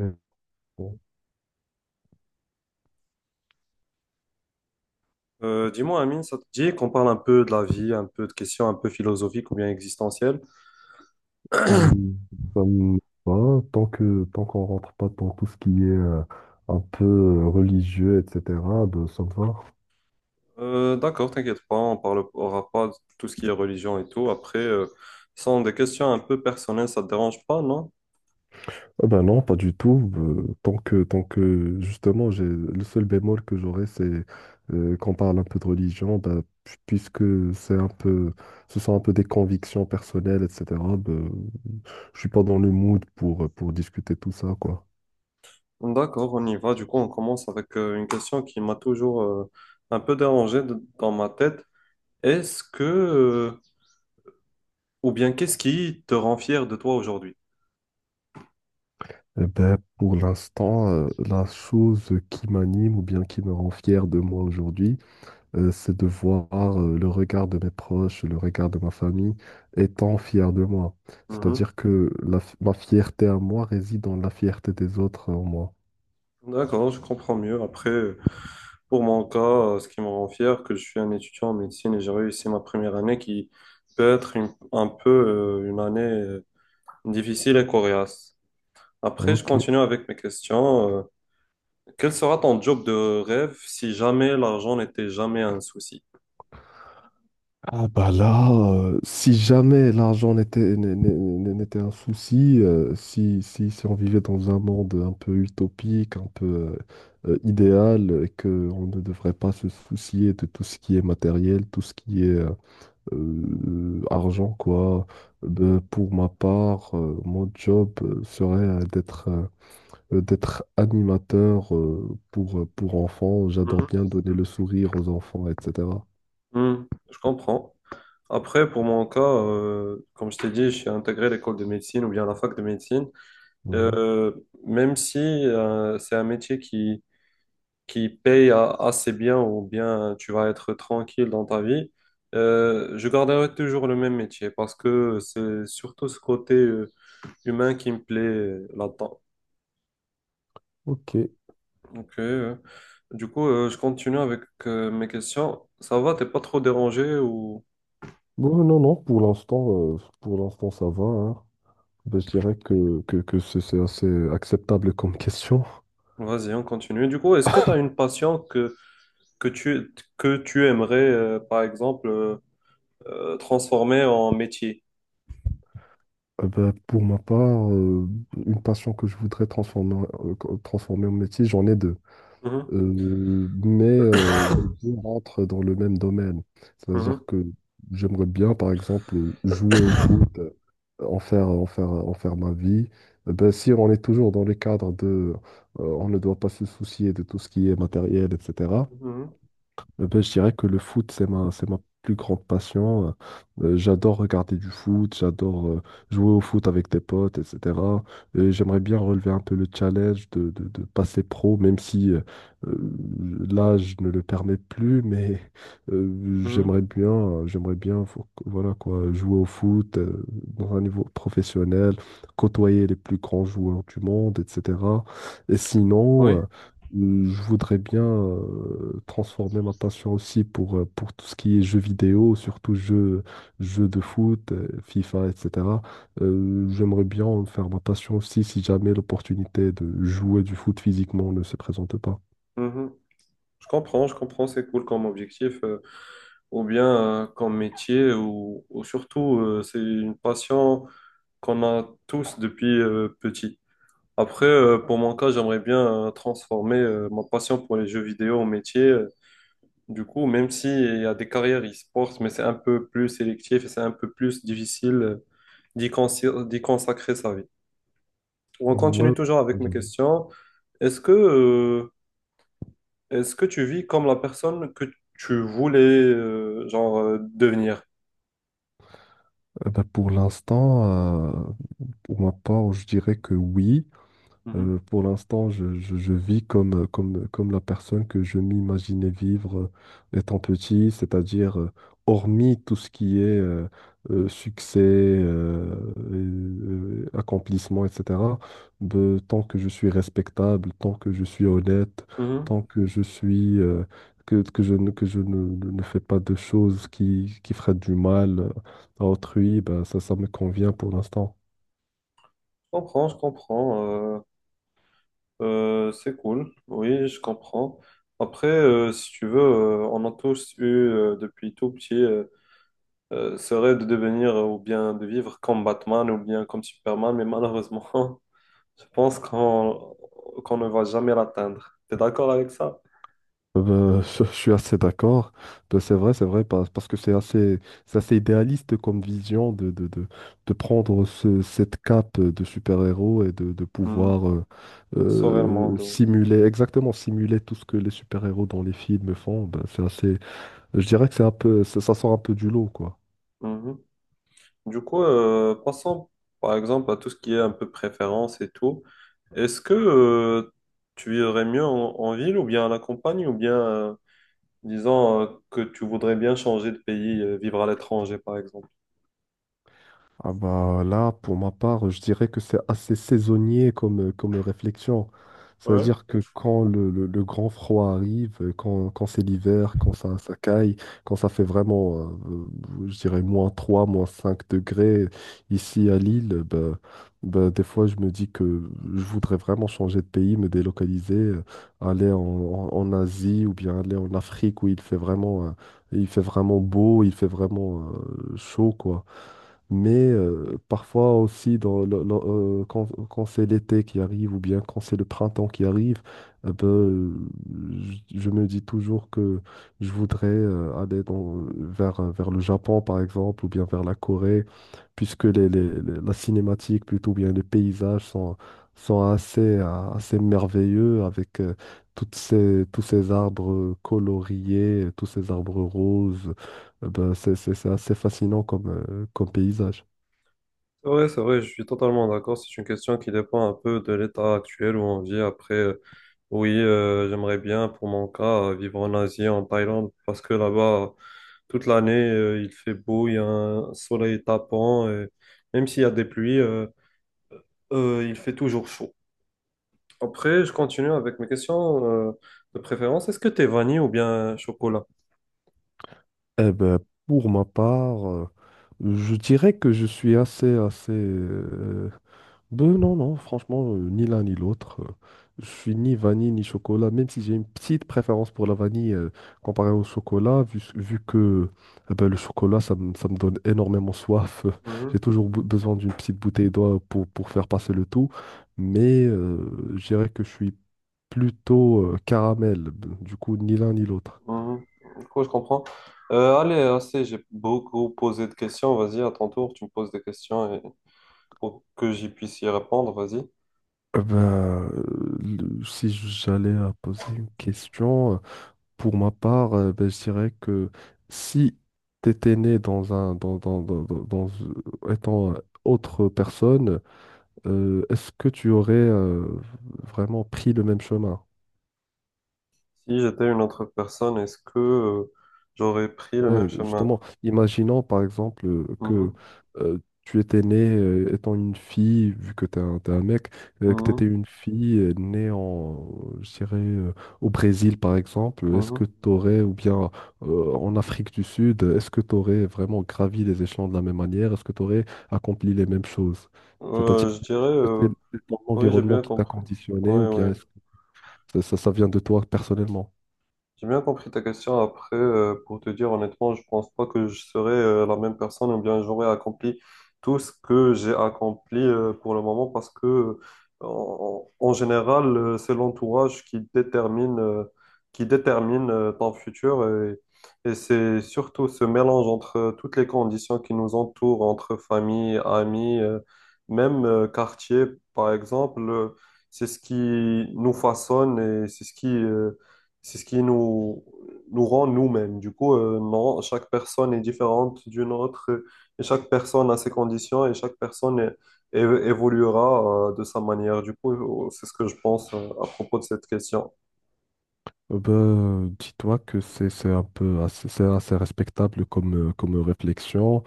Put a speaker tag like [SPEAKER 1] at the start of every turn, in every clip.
[SPEAKER 1] Euh, bon,
[SPEAKER 2] Dis-moi, Amine, ça te dit qu'on parle un peu de la vie, un peu de questions un peu philosophiques ou bien existentielles?
[SPEAKER 1] hum, ça me va, tant qu'on rentre pas dans tout ce qui est un peu religieux, etc., ben, ça me va.
[SPEAKER 2] D'accord, t'inquiète pas, on parlera pas de tout ce qui est religion et tout. Après, ce sont des questions un peu personnelles, ça te dérange pas, non?
[SPEAKER 1] Ah ben non, pas du tout. Tant que justement, j'ai le seul bémol que j'aurais, c'est qu'on parle un peu de religion, ben, puisque c'est un peu, ce sont un peu des convictions personnelles, etc. Ben, je suis pas dans le mood pour discuter tout ça, quoi.
[SPEAKER 2] D'accord, on y va. Du coup, on commence avec une question qui m'a toujours un peu dérangé dans ma tête. Est-ce que, euh, ou bien qu'est-ce qui te rend fier de toi aujourd'hui?
[SPEAKER 1] Eh ben, pour l'instant, la chose qui m'anime ou bien qui me rend fier de moi aujourd'hui, c'est de voir le regard de mes proches, le regard de ma famille étant fier de moi.
[SPEAKER 2] Mhm.
[SPEAKER 1] C'est-à-dire que ma fierté à moi réside dans la fierté des autres en moi.
[SPEAKER 2] D'accord, je comprends mieux. Après, pour mon cas, ce qui me rend fier, que je suis un étudiant en médecine et j'ai réussi ma première année qui peut être un peu une année difficile et coriace. Après, je
[SPEAKER 1] Ok.
[SPEAKER 2] continue avec mes questions. Quel sera ton job de rêve si jamais l'argent n'était jamais un souci?
[SPEAKER 1] Ah bah là, si jamais l'argent n'était n'est- n'est- n'est- n'était un souci, si on vivait dans un monde un peu utopique, un peu idéal, et qu'on ne devrait pas se soucier de tout ce qui est matériel, tout ce qui est argent, quoi. Pour ma part, mon job serait d'être animateur pour enfants. J'adore
[SPEAKER 2] Mhm.
[SPEAKER 1] bien donner le sourire aux enfants, etc.
[SPEAKER 2] Hmm, je comprends. Après, pour mon cas, comme je t'ai dit, je suis intégré à l'école de médecine ou bien à la fac de médecine.
[SPEAKER 1] Mhm.
[SPEAKER 2] Euh, Même si c'est un métier qui paye assez bien ou bien tu vas être tranquille dans ta vie, je garderai toujours le même métier parce que c'est surtout ce côté humain qui me plaît là-dedans.
[SPEAKER 1] Ok.
[SPEAKER 2] Ok. Du coup, je continue avec mes questions. Ça va, t'es pas trop dérangé, ou?
[SPEAKER 1] Bon, non, non, pour l'instant, ça va, hein. Ben, je dirais que c'est assez acceptable comme question.
[SPEAKER 2] Vas-y, on continue. Du coup, est-ce que tu as une passion que tu aimerais, par exemple, transformer en métier?
[SPEAKER 1] Ben, pour ma part, une passion que je voudrais transformer en métier, j'en ai deux.
[SPEAKER 2] Mhm,
[SPEAKER 1] Euh, mais les deux rentrent dans le même domaine.
[SPEAKER 2] mhm,
[SPEAKER 1] C'est-à-dire que j'aimerais bien, par exemple, jouer au foot, en faire ma vie. Ben, si on est toujours dans les cadres de, on ne doit pas se soucier de tout ce qui est matériel, etc.
[SPEAKER 2] mhm,
[SPEAKER 1] Ben, je dirais que le foot, c'est ma plus grande passion. J'adore regarder du foot, j'adore jouer au foot avec des potes, etc. Et j'aimerais bien relever un peu le challenge de passer pro, même si euh, l'âge ne le permet plus, mais
[SPEAKER 2] mhm,
[SPEAKER 1] j'aimerais bien, voilà quoi, jouer au foot dans un niveau professionnel, côtoyer les plus grands joueurs du monde, etc. Et sinon,
[SPEAKER 2] oui.
[SPEAKER 1] je voudrais bien transformer ma passion aussi pour tout ce qui est jeux vidéo, surtout jeux de foot, FIFA, etc. J'aimerais bien en faire ma passion aussi si jamais l'opportunité de jouer du foot physiquement ne se présente pas.
[SPEAKER 2] Mhm. Je comprends, c'est cool comme objectif, ou bien comme métier, ou surtout, c'est une passion qu'on a tous depuis petit. Après, pour mon cas, j'aimerais bien transformer ma passion pour les jeux vidéo en métier. Du coup, même si il y a des carrières e-sports, mais c'est un peu plus sélectif et c'est un peu plus difficile d'y consacrer sa vie. On
[SPEAKER 1] Ouais.
[SPEAKER 2] continue toujours
[SPEAKER 1] Euh,
[SPEAKER 2] avec mes questions. Est-ce que euh, Est-ce que tu vis comme la personne que tu voulais genre devenir?
[SPEAKER 1] bah, pour l'instant, euh, pour ma part, je dirais que oui.
[SPEAKER 2] Mhm.
[SPEAKER 1] Pour l'instant, je vis comme la personne que je m'imaginais vivre étant petit, c'est-à-dire hormis tout ce qui est succès, accomplissement, etc. Tant que je suis respectable, tant que je suis honnête,
[SPEAKER 2] Mhm.
[SPEAKER 1] tant que je suis que je ne, ne- ne fais pas de choses qui feraient du mal à autrui, ben, ça me convient pour l'instant.
[SPEAKER 2] Je comprends, je comprends. euh, c'est cool. Oui, je comprends. Après, si tu veux, on a tous eu depuis tout petit ce rêve de devenir ou bien de vivre comme Batman ou bien comme Superman, mais malheureusement, je pense qu'on ne va jamais l'atteindre. T'es d'accord avec ça?
[SPEAKER 1] Je suis assez d'accord. Ben, c'est vrai, c'est vrai, parce que c'est assez idéaliste comme vision de prendre cette cape de super-héros et de
[SPEAKER 2] Mhm.
[SPEAKER 1] pouvoir
[SPEAKER 2] Sauver le monde.
[SPEAKER 1] simuler, exactement simuler tout ce que les super-héros dans les films font. Ben, je dirais que c'est un peu, ça sort un peu du lot, quoi.
[SPEAKER 2] Du coup, passons par exemple à tout ce qui est un peu préférence et tout. Est-ce que tu vivrais mieux en ville ou bien à la campagne ou bien disons que tu voudrais bien changer de pays, vivre à l'étranger par exemple?
[SPEAKER 1] Ah bah là, pour ma part, je dirais que c'est assez saisonnier comme réflexion.
[SPEAKER 2] Ouais.
[SPEAKER 1] C'est-à-dire que quand le grand froid arrive, quand c'est l'hiver, quand ça caille, quand ça fait vraiment, je dirais, moins 3 moins 5 degrés ici à Lille, bah, des fois je me dis que je voudrais vraiment changer de pays, me délocaliser, aller en Asie ou bien aller en Afrique où il fait vraiment beau, il fait vraiment, chaud, quoi. Mais parfois aussi, quand c'est l'été qui arrive ou bien quand c'est le printemps qui arrive, euh, ben, euh, je me dis toujours que je voudrais aller vers le Japon, par exemple, ou bien vers la Corée, puisque la cinématique, plutôt bien les paysages sont assez, assez merveilleux avec tous ces arbres coloriés, tous ces arbres roses. C'est assez fascinant comme paysage.
[SPEAKER 2] C'est vrai, je suis totalement d'accord. C'est une question qui dépend un peu de l'état actuel où on vit. Après, oui, j'aimerais bien pour mon cas vivre en Asie, en Thaïlande, parce que là-bas, toute l'année, il fait beau, il y a un soleil tapant. Et même s'il y a des pluies, il fait toujours chaud. Après, je continue avec mes questions de préférence. Est-ce que t'es vanille ou bien chocolat?
[SPEAKER 1] Eh ben, pour ma part, je dirais que je suis assez... Ben non, non, franchement, ni l'un ni l'autre. Je suis ni vanille ni chocolat, même si j'ai une petite préférence pour la vanille comparée au chocolat, vu que eh ben, le chocolat, ça me donne énormément soif.
[SPEAKER 2] Mhm,
[SPEAKER 1] J'ai toujours besoin d'une petite bouteille d'eau pour faire passer le tout. Mais je dirais que je suis plutôt caramel. Du coup, ni l'un ni l'autre.
[SPEAKER 2] mhm. Du coup, je comprends. Allez, assez, j'ai beaucoup posé de questions. Vas-y, à ton tour, tu me poses des questions et pour que j'y puisse y répondre, vas-y.
[SPEAKER 1] Si j'allais à poser une question, pour ma part, je dirais que si tu étais né dans un, dans, dans, dans- dans- dans- étant autre personne, est-ce que tu aurais vraiment pris le même chemin?
[SPEAKER 2] Si j'étais une autre personne, est-ce que j'aurais pris le
[SPEAKER 1] Ouais,
[SPEAKER 2] même chemin?
[SPEAKER 1] justement, imaginons par exemple que
[SPEAKER 2] Mhm,
[SPEAKER 1] tu étais né étant une fille, vu que t'es un mec, que tu étais
[SPEAKER 2] mhm,
[SPEAKER 1] une fille née en, je dirais, au Brésil par exemple, est-ce que
[SPEAKER 2] mhm.
[SPEAKER 1] tu aurais, ou bien en Afrique du Sud, est-ce que tu aurais vraiment gravi les échelons de la même manière? Est-ce que tu aurais accompli les mêmes choses? C'est-à-dire,
[SPEAKER 2] Je dirais,
[SPEAKER 1] est-ce que c'est ton
[SPEAKER 2] oui, j'ai
[SPEAKER 1] environnement
[SPEAKER 2] bien
[SPEAKER 1] qui t'a
[SPEAKER 2] compris.
[SPEAKER 1] conditionné,
[SPEAKER 2] Oui,
[SPEAKER 1] ou
[SPEAKER 2] oui.
[SPEAKER 1] bien est-ce que ça vient de toi personnellement?
[SPEAKER 2] J'ai bien compris ta question. Après, pour te dire honnêtement, je pense pas que je serai la même personne ou bien j'aurai accompli tout ce que j'ai accompli pour le moment parce que, en général, c'est l'entourage qui détermine, ton futur et c'est surtout ce mélange entre toutes les conditions qui nous entourent, entre famille, amis, même quartier, par exemple, c'est ce qui nous façonne et c'est ce qui nous rend nous-mêmes. Du coup, non, chaque personne est différente d'une autre et chaque personne a ses conditions et chaque personne évoluera de sa manière. Du coup, c'est ce que je pense à propos de cette question.
[SPEAKER 1] Ben, dis-toi que c'est assez respectable comme réflexion.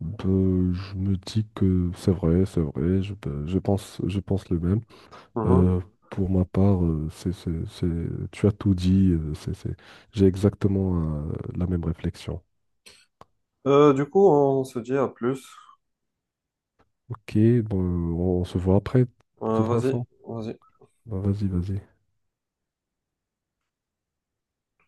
[SPEAKER 1] Ben, je me dis que c'est vrai, ben, je pense le même.
[SPEAKER 2] Mhm.
[SPEAKER 1] Euh, pour ma part, tu as tout dit, j'ai exactement la même réflexion.
[SPEAKER 2] Du coup, on se dit à plus.
[SPEAKER 1] Ok, bon, on se voit après, de toute
[SPEAKER 2] Vas-y,
[SPEAKER 1] façon.
[SPEAKER 2] vas-y.
[SPEAKER 1] Ben, vas-y, vas-y.